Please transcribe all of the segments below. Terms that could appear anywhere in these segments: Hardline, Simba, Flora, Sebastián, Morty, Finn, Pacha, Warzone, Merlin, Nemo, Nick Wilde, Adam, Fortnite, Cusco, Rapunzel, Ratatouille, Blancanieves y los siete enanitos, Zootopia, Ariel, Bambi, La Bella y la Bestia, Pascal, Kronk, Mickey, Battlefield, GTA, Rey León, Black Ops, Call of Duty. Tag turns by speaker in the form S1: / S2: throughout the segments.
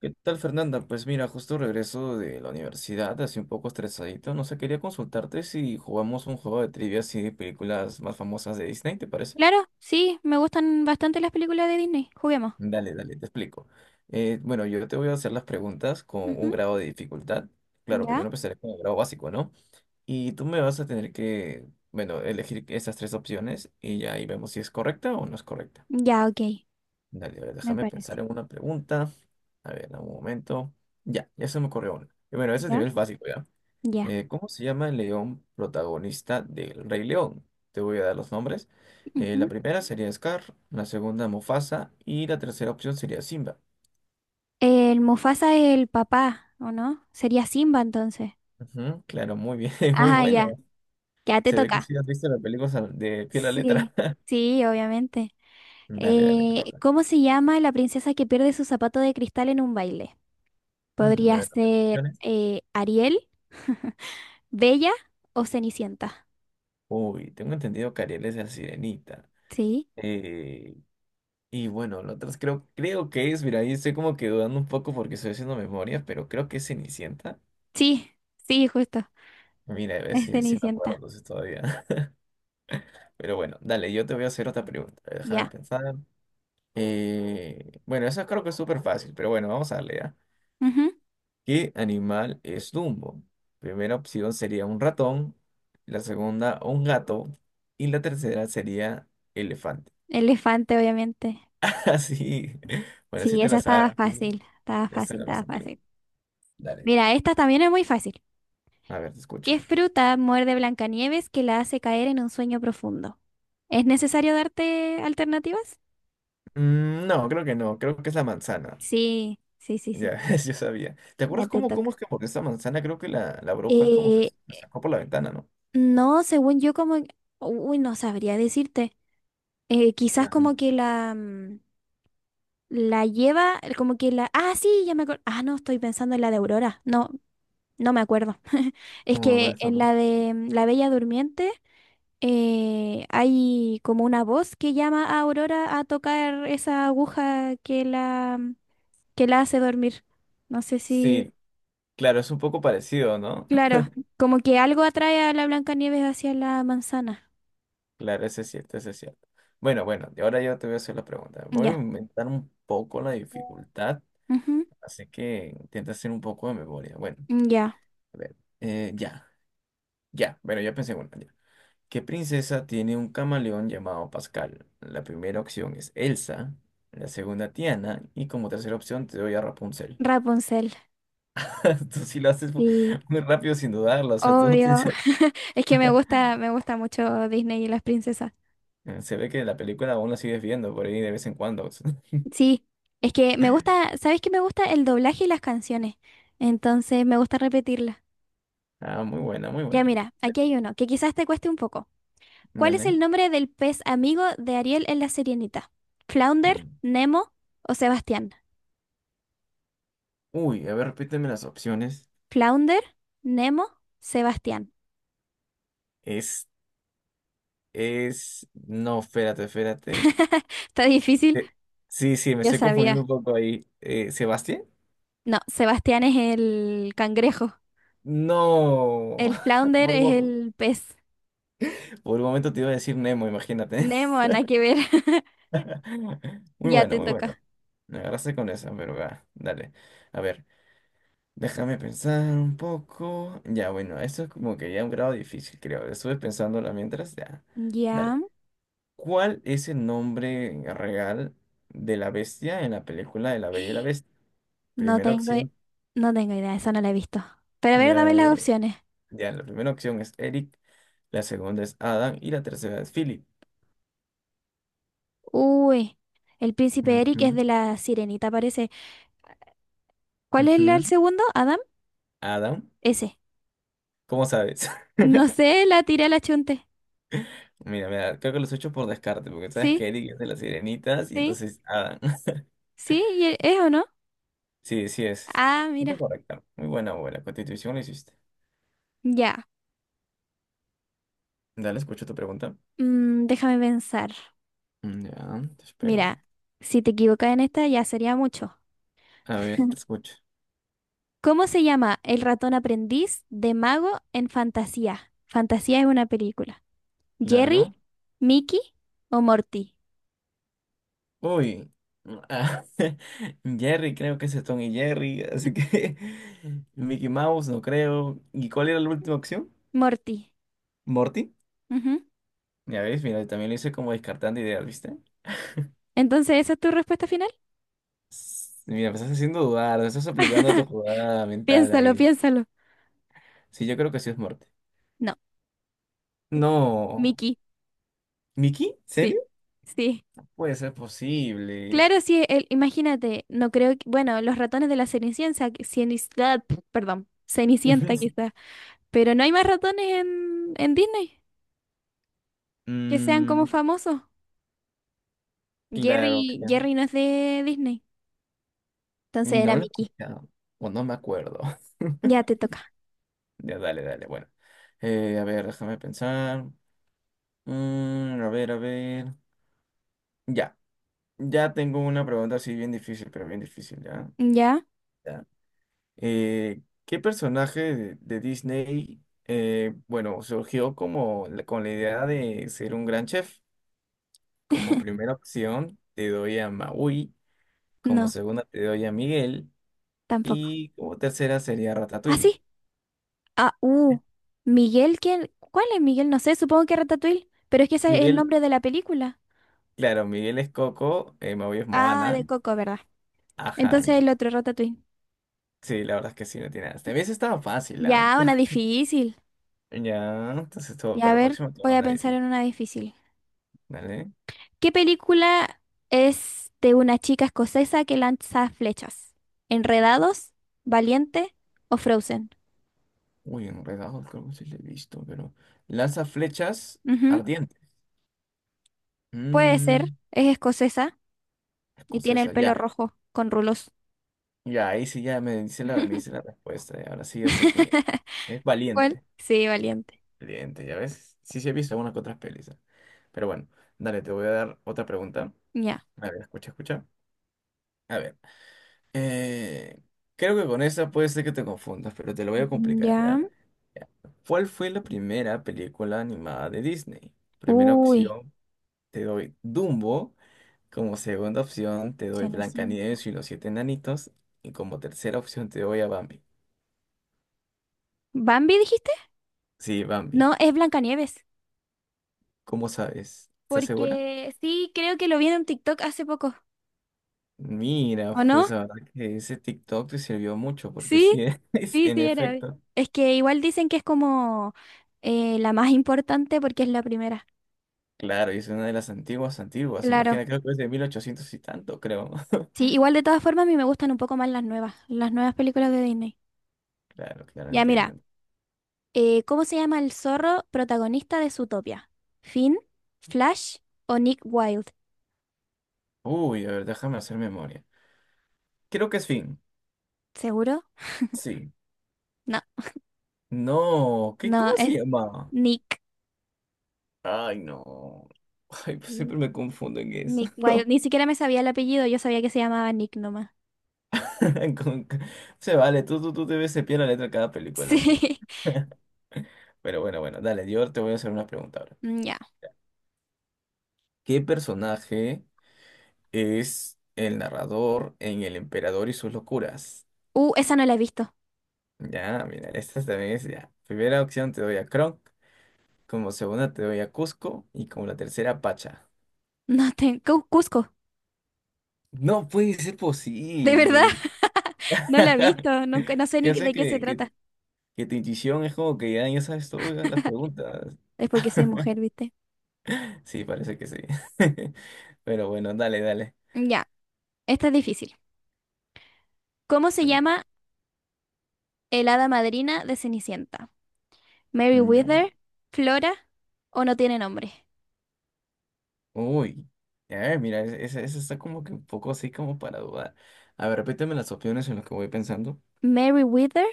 S1: ¿Qué tal, Fernanda? Pues mira, justo regreso de la universidad, así un poco estresadito. No sé, quería consultarte si jugamos un juego de trivia así de películas más famosas de Disney, ¿te parece?
S2: Claro, sí, me gustan bastante las películas de Disney. Juguemos.
S1: Dale, dale, te explico. Bueno, yo te voy a hacer las preguntas con un
S2: Ujú,
S1: grado de dificultad. Claro,
S2: ya,
S1: primero empezaré con el grado básico, ¿no? Y tú me vas a tener que, bueno, elegir esas tres opciones y ya ahí vemos si es correcta o no es correcta.
S2: ya, ok,
S1: Dale, a ver,
S2: me
S1: déjame pensar
S2: parece.
S1: en una pregunta. A ver, dame un momento. Ya, ya se me ocurrió una. Y bueno, ese es
S2: Ya,
S1: nivel básico, ¿ya?
S2: ya.
S1: ¿Cómo se llama el león protagonista del Rey León? Te voy a dar los nombres. La
S2: Ujú.
S1: primera sería Scar, la segunda Mufasa y la tercera opción sería Simba.
S2: El Mufasa es el papá, ¿o no? Sería Simba entonces.
S1: Ujú, claro, muy bien, muy
S2: Ajá,
S1: buena.
S2: ya, ya te
S1: Se ve que
S2: toca.
S1: sí has visto las películas de pie a la letra.
S2: Sí, sí, obviamente.
S1: Dale, dale, te toca.
S2: ¿Cómo se llama la princesa que pierde su zapato de cristal en un baile?
S1: Mm, a
S2: ¿Podría
S1: ver, toca
S2: ser
S1: opciones.
S2: Ariel, Bella o Cenicienta?
S1: Uy, tengo entendido que Ariel es la sirenita.
S2: Sí,
S1: Eh, y bueno, lo otra creo que es, mira, ahí estoy como que dudando un poco porque estoy haciendo memoria, pero creo que es Cenicienta.
S2: sí, sí, justo,
S1: Mira, a ver
S2: es
S1: si, me acuerdo
S2: Cenicienta.
S1: entonces todavía. Pero bueno, dale, yo te voy a hacer otra pregunta. Déjame
S2: Ya.
S1: pensar. Bueno, Eso creo que es súper fácil, pero bueno, vamos a darle ya.
S2: Ujú,
S1: ¿Qué animal es Dumbo? Primera opción sería un ratón, la segunda un gato y la tercera sería elefante.
S2: elefante, obviamente.
S1: Así, bueno, si
S2: Sí,
S1: te
S2: esa
S1: la sabes,
S2: estaba fácil, estaba
S1: es
S2: fácil,
S1: la más
S2: estaba
S1: antigua.
S2: fácil.
S1: Dale.
S2: Mira, esta también es muy fácil.
S1: A ver, te escucho.
S2: ¿Qué fruta muerde Blancanieves que la hace caer en un sueño profundo? ¿Es necesario darte alternativas?
S1: Mm, no, creo que no, creo que es la manzana.
S2: Sí, sí, sí, sí.
S1: Ya, yo sabía. ¿Te
S2: Ya
S1: acuerdas
S2: te
S1: cómo
S2: toca.
S1: es que porque esa manzana creo que la bruja es como que
S2: Eh,
S1: se la sacó por la ventana, ¿no?
S2: no, según yo como... Uy, no sabría decirte. Quizás como que la... la lleva, como que la... Ah, sí, ya me acuerdo. Ah, no, estoy pensando en la de Aurora. No, no me acuerdo. Es
S1: Muy
S2: que
S1: buen
S2: en
S1: sapo.
S2: la de La Bella Durmiente hay como una voz que llama a Aurora a tocar esa aguja que la que la hace dormir. No sé si...
S1: Sí, claro, es un poco parecido, ¿no?
S2: Claro, como que algo atrae a la Blancanieves hacia la manzana.
S1: Claro, ese es cierto, ese es cierto. Bueno, bueno, y ahora yo te voy a hacer la pregunta. Voy a
S2: Ya.
S1: aumentar un poco la dificultad,
S2: Ujú,
S1: así que intenta hacer un poco de memoria. Bueno,
S2: ya.
S1: a ver, ya, bueno, ya pensé en una. Ya. ¿Qué princesa tiene un camaleón llamado Pascal? La primera opción es Elsa, la segunda Tiana, y como tercera opción te doy a Rapunzel.
S2: Rapunzel.
S1: Tú sí lo haces
S2: Sí,
S1: muy rápido sin dudarlo, o sea, tú.
S2: obvio. Es que me gusta mucho Disney y las princesas.
S1: Se ve que la película aún la sigues viendo por ahí de vez en cuando.
S2: Sí, es que me gusta, ¿sabes qué me gusta? El doblaje y las canciones. Entonces me gusta repetirlas.
S1: Ah, muy buena, muy
S2: Ya
S1: buena.
S2: mira, aquí hay uno que quizás te cueste un poco. ¿Cuál es el
S1: Dale.
S2: nombre del pez amigo de Ariel en La Sirenita? ¿Flounder,
S1: Mm.
S2: Nemo o Sebastián?
S1: Uy, a ver, repíteme las opciones.
S2: ¿Flounder, Nemo, Sebastián?
S1: Es, es, no, espérate, espérate.
S2: Está difícil,
S1: Eh, Sí, sí, me
S2: yo
S1: estoy confundiendo
S2: sabía.
S1: un poco ahí. ¿Sebastián?
S2: No, Sebastián es el cangrejo.
S1: No.
S2: El flounder
S1: Por un,
S2: es el pez.
S1: por un momento te iba a decir Nemo, imagínate.
S2: Nemo, nada que ver.
S1: Muy
S2: Ya
S1: bueno,
S2: te
S1: muy bueno.
S2: toca.
S1: Me agarraste con esa, pero va, dale. A ver. Déjame pensar un poco. Ya, bueno, esto es como que ya un grado difícil, creo. Estuve pensándola mientras, ya.
S2: Ya.
S1: Dale. ¿Cuál es el nombre real de la bestia en la película de La Bella y la Bestia?
S2: No
S1: Primera
S2: tengo, i-
S1: opción,
S2: no tengo idea, esa no la he visto. Pero a ver,
S1: ya,
S2: dame las
S1: eh,
S2: opciones.
S1: ya, la primera opción es Eric, la segunda es Adam y la tercera es Philip.
S2: Uy, el príncipe Eric es
S1: Ujú,
S2: de la Sirenita, parece. ¿Cuál es el
S1: ujú.
S2: segundo? ¿Adam?
S1: Adam,
S2: Ese.
S1: ¿cómo sabes?
S2: No sé, la tiré a la chunte.
S1: Mira, mira, creo que los he hecho por descarte, porque sabes
S2: Sí,
S1: que Eric es de las sirenitas y
S2: sí,
S1: entonces Adam.
S2: sí, y es o no.
S1: Sí, sí es.
S2: Ah, mira.
S1: Está correcta. Muy buena, buena. Constitución la hiciste.
S2: Ya.
S1: Dale, escucho tu pregunta.
S2: Déjame pensar.
S1: Mm, ya, te espero.
S2: Mira, si te equivocas en esta ya sería mucho.
S1: A ver, te escucho.
S2: ¿Cómo se llama el ratón aprendiz de mago en Fantasía? Fantasía es una película. ¿Jerry,
S1: Claro.
S2: Mickey o Morty?
S1: Uy. Ah, Jerry, creo que ese es Tom y Jerry, así que Mickey Mouse, no creo. ¿Y cuál era la última opción?
S2: Morty.
S1: ¿Morty?
S2: Ujú.
S1: Ya ves, mira, también lo hice como descartando ideas, ¿viste?
S2: Entonces, ¿esa es tu respuesta final?
S1: Mira, me estás haciendo dudar, me estás aplicando tu jugada mental
S2: Piénsalo,
S1: ahí.
S2: piénsalo.
S1: Sí, yo creo que sí es Morty.
S2: No,
S1: No.
S2: Mickey.
S1: ¿Mickey?
S2: Sí,
S1: ¿Serio?
S2: sí.
S1: Puede ser posible.
S2: Claro, sí, imagínate, no creo que, bueno, los ratones de la Cenicienta, ah, perdón, Cenicienta quizás, pero no hay más ratones en Disney que sean como
S1: Mm,
S2: famosos.
S1: claro,
S2: Jerry,
S1: claro.
S2: Jerry no es de Disney, entonces era
S1: No lo he
S2: Mickey.
S1: escuchado. O no me acuerdo.
S2: Ya te toca.
S1: Ya, dale, dale. Bueno. A ver, déjame pensar. Mm, a ver, a ver. Ya. Ya tengo una pregunta así bien difícil, pero bien difícil, ¿ya?
S2: ¿Ya?
S1: Ya. ¿Qué personaje de Disney, bueno, surgió como con la idea de ser un gran chef? Como primera opción, te doy a Maui. Como
S2: No,
S1: segunda, te doy a Miguel.
S2: tampoco.
S1: Y como tercera sería
S2: ¿Ah,
S1: Ratatouille.
S2: sí? Ah, uh, Miguel, ¿quién? ¿Cuál es Miguel? No sé, supongo que Ratatouille, pero es que ese es el
S1: Miguel,
S2: nombre de la película.
S1: claro, Miguel es Coco, Maui es
S2: Ah,
S1: Moana.
S2: de Coco, ¿verdad?
S1: Ajá.
S2: Entonces el otro, Ratatouille.
S1: Sí, la verdad es que sí, no tiene nada. También eso estaba fácil, ¿ah?
S2: Ya, una difícil.
S1: Ya, entonces todo,
S2: Y a
S1: para el
S2: ver,
S1: próximo te
S2: voy
S1: hago
S2: a
S1: una
S2: pensar
S1: difícil.
S2: en una difícil.
S1: Dale.
S2: ¿Qué película es de una chica escocesa que lanza flechas? ¿Enredados, Valiente o Frozen?
S1: Uy, enredado, creo que sí le he visto, pero. Lanza flechas
S2: Ujú,
S1: ardientes.
S2: puede
S1: Mmm,
S2: ser, es escocesa y tiene el
S1: escocesa,
S2: pelo
S1: ya.
S2: rojo con rulos.
S1: Ya, ahí sí ya me dice me dice la respuesta. Ya, ahora sí ya sé quién es. Es
S2: ¿Cuál?
S1: valiente.
S2: Sí, Valiente.
S1: Valiente, ya ves. Sí, sí he visto algunas que otras pelis, ¿ah? Pero bueno, dale, te voy a dar otra pregunta.
S2: Ya.
S1: A ver, escucha, escucha. A ver. eh, Creo que con esa puede ser que te confundas, pero te lo voy a complicar,
S2: Ya.
S1: ¿ya? Ya. ¿Cuál fue la primera película animada de Disney? Primera
S2: Uy,
S1: opción, te doy Dumbo. Como segunda opción, te doy
S2: Cenicienta.
S1: Blancanieves y los siete enanitos. Y como tercera opción, te doy a Bambi.
S2: ¿Bambi dijiste?
S1: Sí, Bambi.
S2: No, es Blancanieves.
S1: ¿Cómo sabes? ¿Estás segura?
S2: Porque sí, creo que lo vi en un TikTok hace poco.
S1: Mira,
S2: ¿O no?
S1: pues la verdad que ese TikTok te sirvió mucho, porque
S2: Sí,
S1: sí, es,
S2: sí,
S1: en
S2: sí, era.
S1: efecto.
S2: Es que igual dicen que es como la más importante porque es la primera.
S1: Claro, y es una de las antiguas, antiguas.
S2: Claro.
S1: Imagina, creo que es de 1800 y tanto, creo.
S2: Sí, igual de todas formas a mí me gustan un poco más las nuevas películas de Disney.
S1: Claro, claro,
S2: Ya, mira,
S1: entienden.
S2: ¿cómo se llama el zorro protagonista de Zootopia? ¿Finn, Flash o Nick Wilde?
S1: Uy, a ver, déjame hacer memoria. Creo que es Finn.
S2: ¿Seguro?
S1: Sí.
S2: No,
S1: No, ¿qué,
S2: no,
S1: cómo se
S2: es
S1: llamaba?
S2: Nick.
S1: Ay, no. Ay, pues siempre me confundo en eso.
S2: Nick Wilde. Ni siquiera me sabía el apellido, yo sabía que se llamaba Nick nomás.
S1: Con- Se vale, tú debes cepillar la letra de cada película, pues.
S2: Sí.
S1: Pero bueno, bueno, dale, yo te voy a hacer una pregunta ahora.
S2: Ya.
S1: ¿Qué personaje es el narrador en El Emperador y sus locuras?
S2: Esa no la he visto.
S1: Ya, mira, esta también es ya. Primera opción te doy a Kronk, como segunda te doy a Cusco y como la tercera Pacha.
S2: No tengo. Cusco.
S1: No puede ser
S2: De verdad.
S1: posible.
S2: No la he visto. Nunca, no sé ni
S1: Ya sé
S2: de qué se trata.
S1: que tu intuición es como que ya, ya sabes todas las preguntas.
S2: Es porque soy mujer, ¿viste?
S1: Sí, parece que sí. Pero bueno, dale, dale.
S2: Ya. Esta es difícil. ¿Cómo se llama el hada madrina de Cenicienta? ¿Mary
S1: Mm, ya va.
S2: Wither? ¿Flora? ¿O no tiene nombre?
S1: Uy. A ver, mira, esa está como que un poco así como para dudar. A ver, repíteme las opciones en las que voy pensando.
S2: ¿Mary Wither?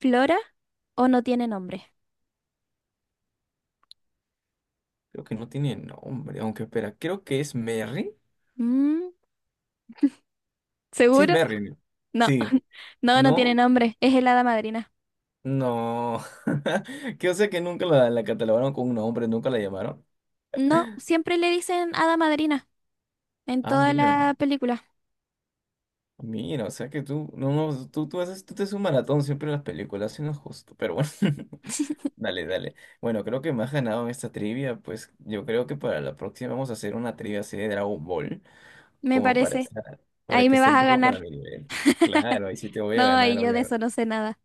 S2: ¿Flora? ¿O no tiene nombre?
S1: Creo que no tiene nombre, aunque espera, creo que es Merry.
S2: Mm,
S1: Sí, es
S2: ¿Seguro?
S1: Merlin.
S2: No.
S1: Sí.
S2: No, no tiene
S1: ¿No?
S2: nombre. Es el hada madrina.
S1: No. Que o sea que nunca la catalogaron con un nombre, nunca la llamaron.
S2: No, siempre le dicen hada madrina en
S1: Ah,
S2: toda
S1: mira.
S2: la película,
S1: Mira, o sea que tú, no, no, tú haces, tú te haces un maratón siempre en las películas, eso no es justo, pero bueno. Dale, dale. Bueno, creo que me has ganado en esta trivia, pues yo creo que para la próxima vamos a hacer una trivia así de Dragon Ball,
S2: me
S1: como para
S2: parece.
S1: para
S2: Ahí
S1: que
S2: me
S1: esté
S2: vas
S1: un
S2: a
S1: poco para
S2: ganar.
S1: mi nivel. Claro, y si te voy a
S2: No,
S1: ganar,
S2: ahí yo de eso
S1: obviamente.
S2: no sé nada.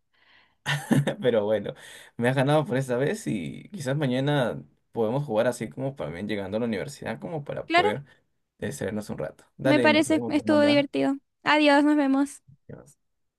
S1: Pero bueno, me has ganado por esta vez y quizás mañana podemos jugar así como también llegando a la universidad, como para
S2: Claro,
S1: poder distraernos un rato.
S2: me
S1: Dale, nos
S2: parece.
S1: vemos,
S2: Estuvo
S1: Fernanda.
S2: divertido. Adiós, nos vemos.
S1: Ya.